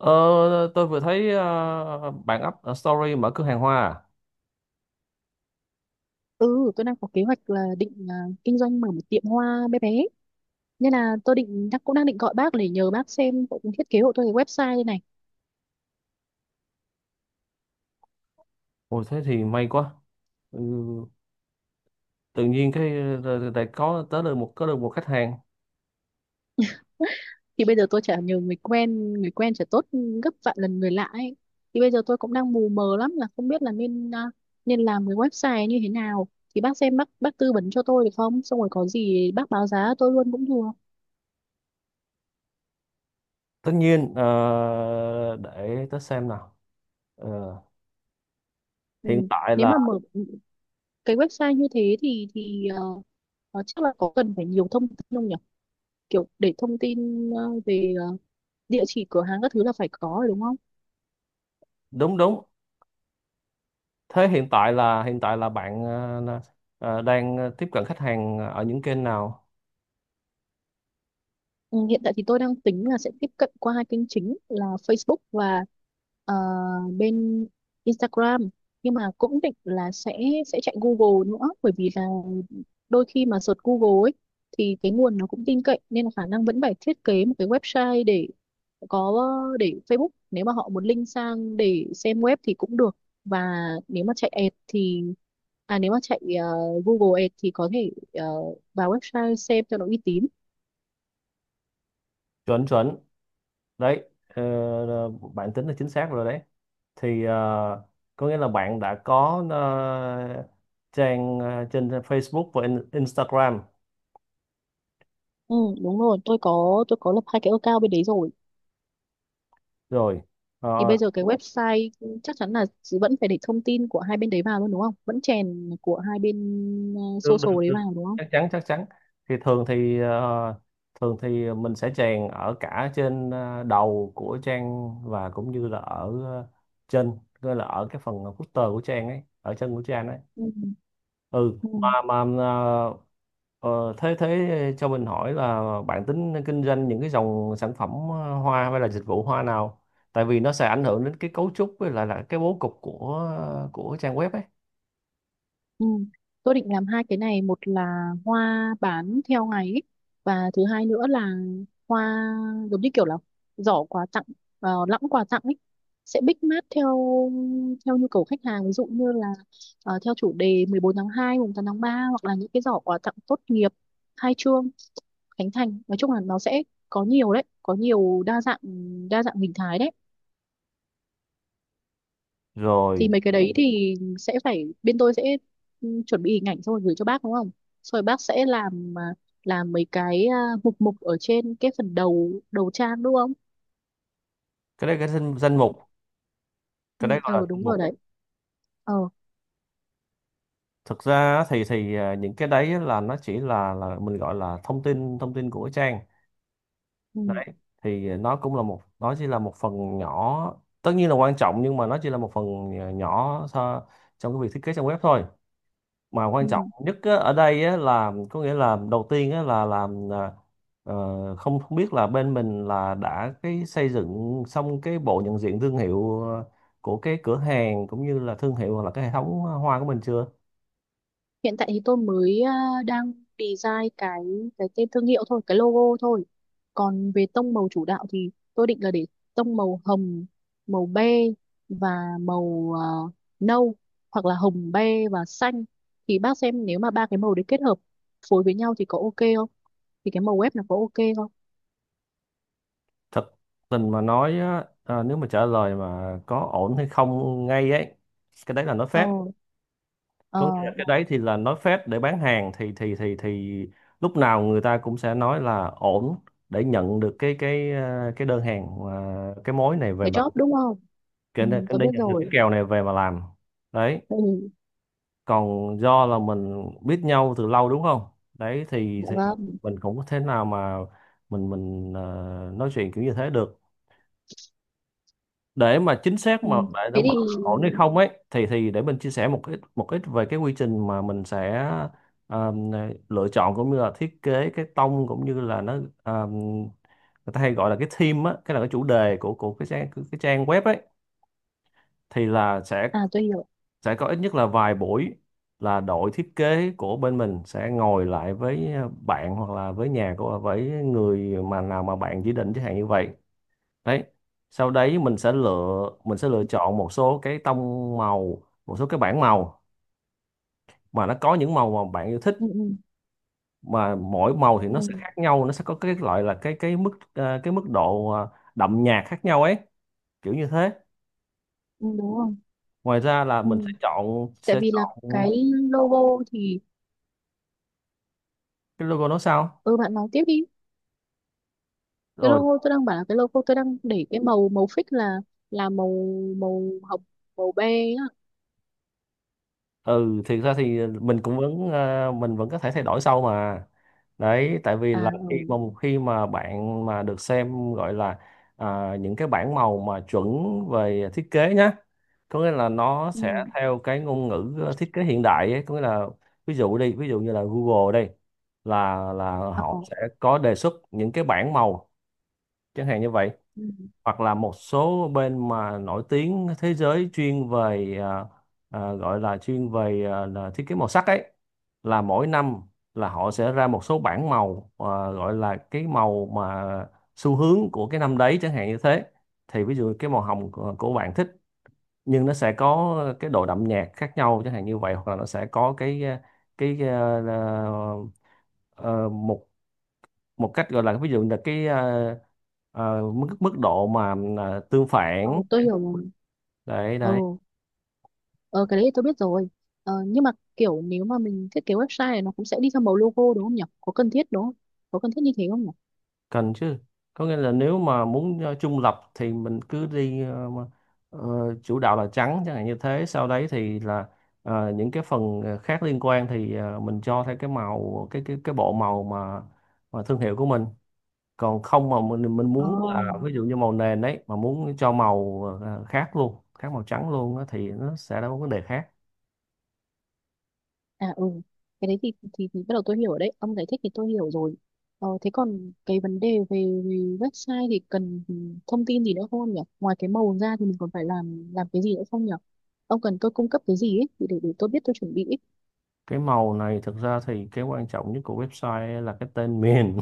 Ờ, tôi vừa thấy bạn up story mở cửa hàng hoa à. Ừ, tôi đang có kế hoạch là định kinh doanh mở một tiệm hoa bé bé. Nên là tôi cũng đang định gọi bác để nhờ bác xem cũng thiết kế hộ tôi cái website đây này. Ôi thế thì may quá. Ừ, tự nhiên cái lại có được một khách hàng. Thì bây giờ tôi chả nhờ người quen chả tốt gấp vạn lần người lạ ấy. Thì bây giờ tôi cũng đang mù mờ lắm là không biết là nên làm cái website như thế nào. Thì bác xem bác tư vấn cho tôi được không? Xong rồi có gì bác báo giá tôi luôn cũng được. Tất nhiên, để tớ xem nào. Ờ, Hiện Ừ. tại Nếu mà là, mở cái website như thế thì chắc là có cần phải nhiều thông tin không nhỉ? Kiểu để thông tin về địa chỉ cửa hàng các thứ là phải có rồi đúng không? đúng đúng. Thế hiện tại là bạn đang tiếp cận khách hàng ở những kênh nào? Ừ, hiện tại thì tôi đang tính là sẽ tiếp cận qua hai kênh chính là Facebook và ờ, bên Instagram, nhưng mà cũng định là sẽ chạy Google nữa, bởi vì là đôi khi mà search Google ấy thì cái nguồn nó cũng tin cậy, nên là khả năng vẫn phải thiết kế một cái website để có, để Facebook nếu mà họ muốn link sang để xem web thì cũng được, và nếu mà chạy ad thì nếu mà chạy Google Ads thì có thể vào website xem cho nó uy tín. Chuẩn, chuẩn. Đấy, bạn tính là chính xác rồi đấy. Thì có nghĩa là bạn đã có trang trên Facebook và Instagram Ừ, đúng rồi, tôi có lập hai cái account bên đấy rồi. rồi. Thì Ờ, bây giờ cái website chắc chắn là vẫn phải để thông tin của hai bên đấy vào luôn đúng không? Vẫn chèn của hai bên Được, được, social đấy được. vào đúng không? Chắc chắn, chắc chắn. Thì thường thì mình sẽ chèn ở cả trên đầu của trang và cũng như là ở trên, gọi là ở cái phần footer của trang ấy, ở chân của trang ấy. Ừ. ừ Ừ. mà mà ờ, Ờ, thế thế cho mình hỏi là bạn tính kinh doanh những cái dòng sản phẩm hoa hay là dịch vụ hoa nào? Tại vì nó sẽ ảnh hưởng đến cái cấu trúc với lại là cái bố cục của trang web ấy. Ừ. Tôi định làm hai cái này, một là hoa bán theo ngày ấy, và thứ hai nữa là hoa giống như kiểu là giỏ quà tặng, lẵng quà tặng ấy, sẽ bích mát theo theo nhu cầu khách hàng, ví dụ như là theo chủ đề 14/2, 8/3, hoặc là những cái giỏ quà tặng tốt nghiệp, khai trương, khánh thành. Nói chung là nó sẽ có nhiều đấy, có nhiều đa dạng hình thái đấy. Rồi, Thì mấy cái đấy thì sẽ phải bên tôi sẽ chuẩn bị hình ảnh xong rồi gửi cho bác đúng không? Xong rồi bác sẽ làm mấy mục mục ở trên cái phần đầu đầu trang đúng không? cái đấy cái danh mục, Ừ, cái đấy gọi là danh đúng rồi mục. đấy. ờ Thực ra á những cái đấy á là nó chỉ là mình gọi là thông tin của trang. ừ, Đấy, thì nó cũng là một nó chỉ là một phần nhỏ, tất nhiên là quan trọng nhưng mà nó chỉ là một phần nhỏ, trong cái việc thiết kế trang web thôi. Mà quan trọng ừ. nhất á, ở đây á, là có nghĩa là đầu tiên á, là làm à, ờ, không không biết là bên mình là đã cái xây dựng xong cái bộ nhận diện thương hiệu của cái cửa hàng cũng như là thương hiệu hoặc là cái hệ thống hoa của mình chưa. Hiện tại thì tôi mới đang design cái tên thương hiệu thôi, cái logo thôi. Còn về tông màu chủ đạo thì tôi định là để tông màu hồng, màu be, và màu nâu, hoặc là hồng be và xanh. Thì bác xem nếu mà ba cái màu đấy kết hợp phối với nhau thì có ok không, thì cái màu web nó có ok không. Thật tình mà nói á, nếu mà trả lời mà có ổn hay không ngay ấy, cái đấy là nói ờ phép. ờ Có nghĩa là cái đấy thì là nói phết để bán hàng, thì lúc nào người ta cũng sẽ nói là ổn, để nhận được cái đơn hàng, cái mối này về cái mà, job đúng không? Ừ, cái để tôi để biết nhận được cái rồi. kèo này về mà làm. Đấy, Ừ, còn do là mình biết nhau từ lâu đúng không? Đấy thì dạ thì vâng. mình cũng có thể nào mà mình mình ờ, nói chuyện kiểu như thế được, để mà chính xác, Ừ. mà để Thế đảm bảo thì ổn hay không ấy thì để mình chia sẻ một ít về cái quy trình mà mình sẽ um, lựa chọn cũng như là thiết kế cái tông, cũng như là nó um, người ta hay gọi là cái theme á, cái là cái chủ đề của cái trang web ấy, thì là sẽ à, tôi hiểu. sẽ có ít nhất là vài buổi là đội thiết kế của bên mình sẽ ngồi lại với bạn, hoặc là với nhà của với người mà nào mà bạn chỉ định chẳng hạn như vậy. Đấy, sau đấy mình sẽ lựa chọn một số cái tông màu, một số cái bảng màu mà nó có những màu mà bạn yêu Ừ, thích, ừ, mà mỗi màu thì ừ, nó sẽ khác nhau, nó sẽ có cái loại là cái mức độ, đậm nhạt khác nhau ấy, kiểu như thế. ừ, đúng không. Ngoài ra là Ừ. mình Tại sẽ vì là chọn. cái logo thì— Cái logo nó sao? Ừ, bạn nói tiếp đi. Cái Rồi, logo tôi đang bảo là cái logo tôi đang để cái màu màu fix là màu màu hồng, màu be á. ừ, thì ra thì mình vẫn có thể thay đổi sau mà. Đấy, tại vì À, là ừ, khi mà bạn mà được xem, gọi là những cái bảng màu mà chuẩn về thiết kế nhá. Có nghĩa là nó ừ. sẽ theo cái ngôn ngữ thiết kế hiện đại ấy. Có nghĩa là, ví dụ như là Google đây, là Ờ, họ sẽ có đề xuất những cái bảng màu chẳng hạn như vậy. ừ. Hoặc là một số bên mà nổi tiếng thế giới chuyên về, gọi là chuyên về, là thiết kế màu sắc ấy, là mỗi năm là họ sẽ ra một số bảng màu, gọi là cái màu mà xu hướng của cái năm đấy, chẳng hạn như thế. Thì ví dụ cái màu hồng của bạn thích, nhưng nó sẽ có cái độ đậm nhạt khác nhau chẳng hạn như vậy, hoặc là nó sẽ có cái à, à, ờ, ờ, một một cách gọi là, ví dụ là cái mức mức độ mà tương Ừ, phản. tôi hiểu rồi. Đấy, đấy. Ừ. Ờ, cái đấy tôi biết rồi. Ờ, nhưng mà kiểu nếu mà mình thiết kế website này nó cũng sẽ đi theo màu logo đúng không nhỉ, có cần thiết đúng không, có cần thiết như thế không nhỉ? Cần chứ. Có nghĩa là nếu mà muốn trung lập thì mình cứ đi, ờ, chủ đạo là trắng chẳng hạn như thế. Sau đấy thì là những cái phần khác liên quan thì mình cho theo cái bộ màu mà thương hiệu của mình. Còn không mà mình ờ muốn là ví dụ như màu nền đấy mà muốn cho màu khác luôn, khác màu trắng luôn á, thì nó sẽ là một vấn đề khác. À ừ, cái đấy thì bắt đầu tôi hiểu rồi đấy, ông giải thích thì tôi hiểu rồi. Ờ, thế còn cái vấn đề về website thì cần thông tin gì nữa không ông nhỉ? Ngoài cái màu ra thì mình còn phải làm cái gì nữa không nhỉ? Ông cần tôi cung cấp cái gì ấy, để tôi biết tôi chuẩn bị ấy. Cái màu này, thực ra thì cái quan trọng nhất của website là cái tên miền.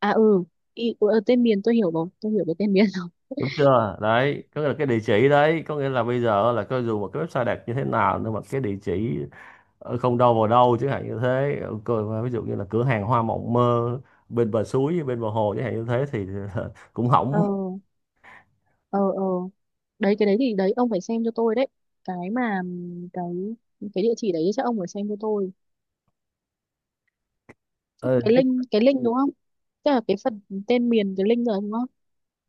À ừ, ừ, tên miền tôi hiểu rồi, tôi hiểu cái tên miền. Đúng chưa? Đấy, có nghĩa là cái địa chỉ. Đấy, có nghĩa là bây giờ là coi dù một cái website đẹp như thế nào nhưng mà cái địa chỉ không đâu vào đâu chẳng hạn như thế. Ví dụ như là cửa hàng hoa mộng mơ bên bờ suối, bên bờ hồ chẳng hạn như thế thì cũng Ờ, hỏng. ờ, ờ. Đấy, cái đấy thì đấy, ông phải xem cho tôi đấy. Cái mà, cái địa chỉ đấy chắc ông phải xem cho tôi. Ờ, Cái Chứ link, cái link Ừ. Đúng không? Tức là cái phần tên miền, cái link rồi đúng không?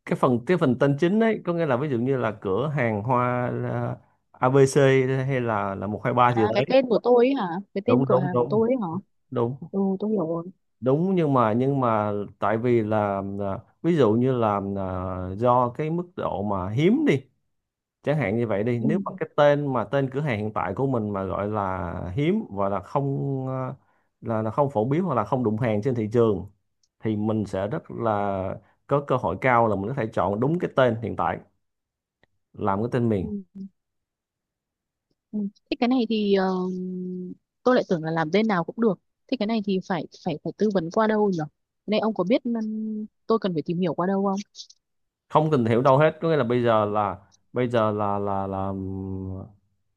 cái phần tên chính ấy, có nghĩa là ví dụ như là cửa hàng hoa ABC, hay là một hai ba gì À, cái đấy. tên của tôi ấy hả? Cái tên Đúng, cửa đúng, hàng của đúng. tôi ấy hả? Đúng, Ừ, tôi hiểu rồi. đúng. Nhưng mà tại vì là, ví dụ như là, do cái mức độ mà hiếm đi chẳng hạn như vậy đi, Ừ, nếu mà cái tên mà tên cửa hàng hiện tại của mình mà gọi là hiếm, và là không phổ biến hoặc là không đụng hàng trên thị trường, thì mình sẽ rất là có cơ hội cao là mình có thể chọn đúng cái tên hiện tại làm cái tên miền. ừ, ừ. Thế cái này thì tôi lại tưởng là làm tên nào cũng được. Thế cái này thì phải phải phải tư vấn qua đâu nhỉ? Cái này ông có biết tôi cần phải tìm hiểu qua đâu không? Không tìm hiểu đâu hết. Có nghĩa là bây giờ là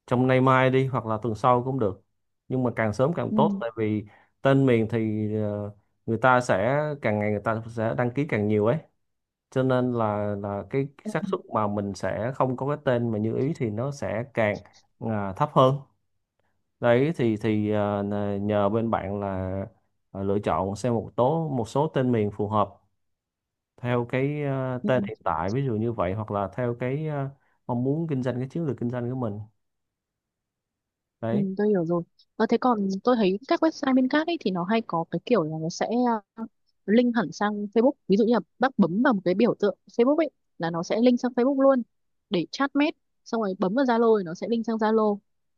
trong nay mai đi, hoặc là tuần sau cũng được, nhưng mà càng sớm càng Ừ. tốt, tại vì tên miền thì người ta sẽ càng ngày người ta sẽ đăng ký càng nhiều ấy, cho nên là cái Ừ. xác suất mà mình sẽ không có cái tên mà như ý thì nó sẽ càng thấp hơn. Đấy, nhờ bên bạn là lựa chọn xem một số tên miền phù hợp, theo cái Ừ. tên hiện tại ví dụ như vậy, hoặc là theo cái mong muốn kinh doanh, cái chiến lược kinh doanh của mình. Ừ, Đấy. tôi hiểu rồi. Ờ, thế còn tôi thấy các website bên khác ấy thì nó hay có cái kiểu là nó sẽ ờ, link hẳn sang Facebook. Ví dụ như là bác bấm vào một cái biểu tượng Facebook ấy là nó sẽ link sang Facebook luôn để chat mét. Xong rồi bấm vào Zalo thì nó sẽ link sang Zalo.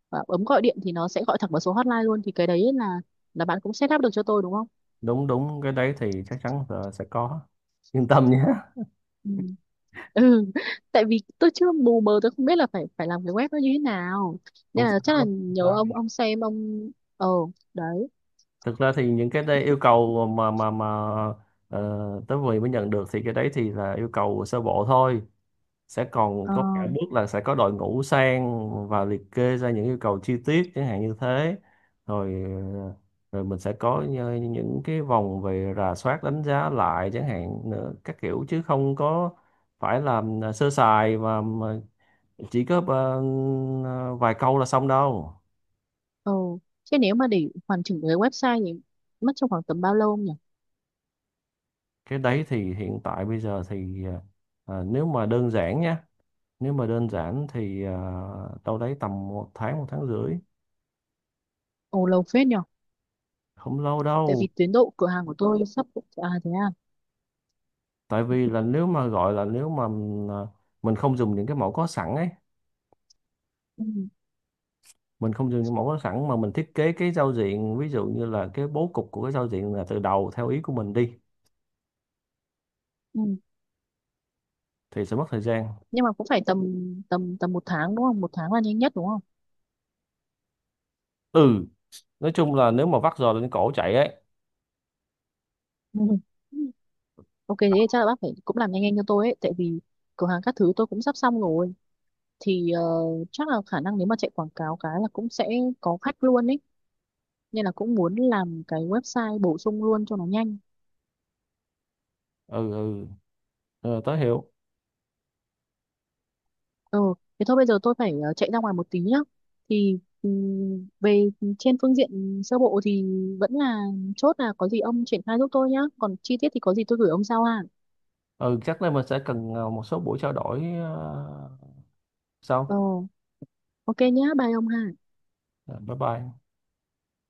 Và bấm gọi điện thì nó sẽ gọi thẳng vào số hotline luôn. Thì cái đấy là bạn cũng set up được cho tôi đúng không? Đúng, đúng. Cái đấy thì chắc chắn là sẽ có, yên tâm nhé. Ừ. Ừ. Tại vì tôi chưa, mù mờ tôi không biết là phải phải làm cái web nó như thế nào. Nên Không sao, là chắc là không nhớ sao. ông xem ông ờ đấy. Thực ra thì những cái đây yêu cầu ờ, tới vừa mới nhận được thì cái đấy thì là yêu cầu sơ bộ thôi, sẽ còn Ờ. có cả bước là sẽ có đội ngũ sang và liệt kê ra những yêu cầu chi tiết chẳng hạn như thế. Rồi, ờ, rồi mình sẽ có những cái vòng về rà soát đánh giá lại chẳng hạn nữa các kiểu, chứ không có phải là sơ sài và mà chỉ có vài câu là xong đâu. Ừ. Chứ nếu mà để hoàn chỉnh cái website thì mất trong khoảng tầm bao lâu không nhỉ? Cái đấy thì hiện tại bây giờ thì ờ, nếu mà đơn giản nha nếu mà đơn giản thì đâu đấy tầm một tháng, một tháng rưỡi. Ồ lâu phết nhỉ? Không lâu Tại đâu. vì tiến độ cửa hàng của tôi sắp— à thế à. Tại vì là nếu mà mình không dùng những cái mẫu có sẵn ấy, Ừ. mình không dùng những mẫu có sẵn mà mình thiết kế cái giao diện, ví dụ như là cái bố cục của cái giao diện là từ đầu theo ý của mình đi, Ừ. thì sẽ mất thời gian. Nhưng mà cũng phải tầm tầm tầm một tháng đúng không? Một tháng là nhanh nhất đúng không? Ừ, nói chung là nếu mà vắt giò lên cổ chạy ấy. Ừ. Ok thế thì chắc là bác phải cũng làm nhanh nhanh cho tôi ấy, tại vì cửa hàng các thứ tôi cũng sắp xong rồi, thì chắc là khả năng nếu mà chạy quảng cáo cái là cũng sẽ có khách luôn ấy, nên là cũng muốn làm cái website bổ sung luôn cho nó nhanh. Ừ, ừ. Ừ, tớ hiểu. Ừ, thế thôi bây giờ tôi phải chạy ra ngoài một tí nhá. Thì về trên phương diện sơ bộ thì vẫn là chốt là có gì ông triển khai giúp tôi nhá. Còn chi tiết thì có gì tôi gửi ông sau ha. Ừ, chắc là mình sẽ cần một số buổi trao đổi, Ờ, sau. ok nhá, bye ông ha. Rồi, bye bye.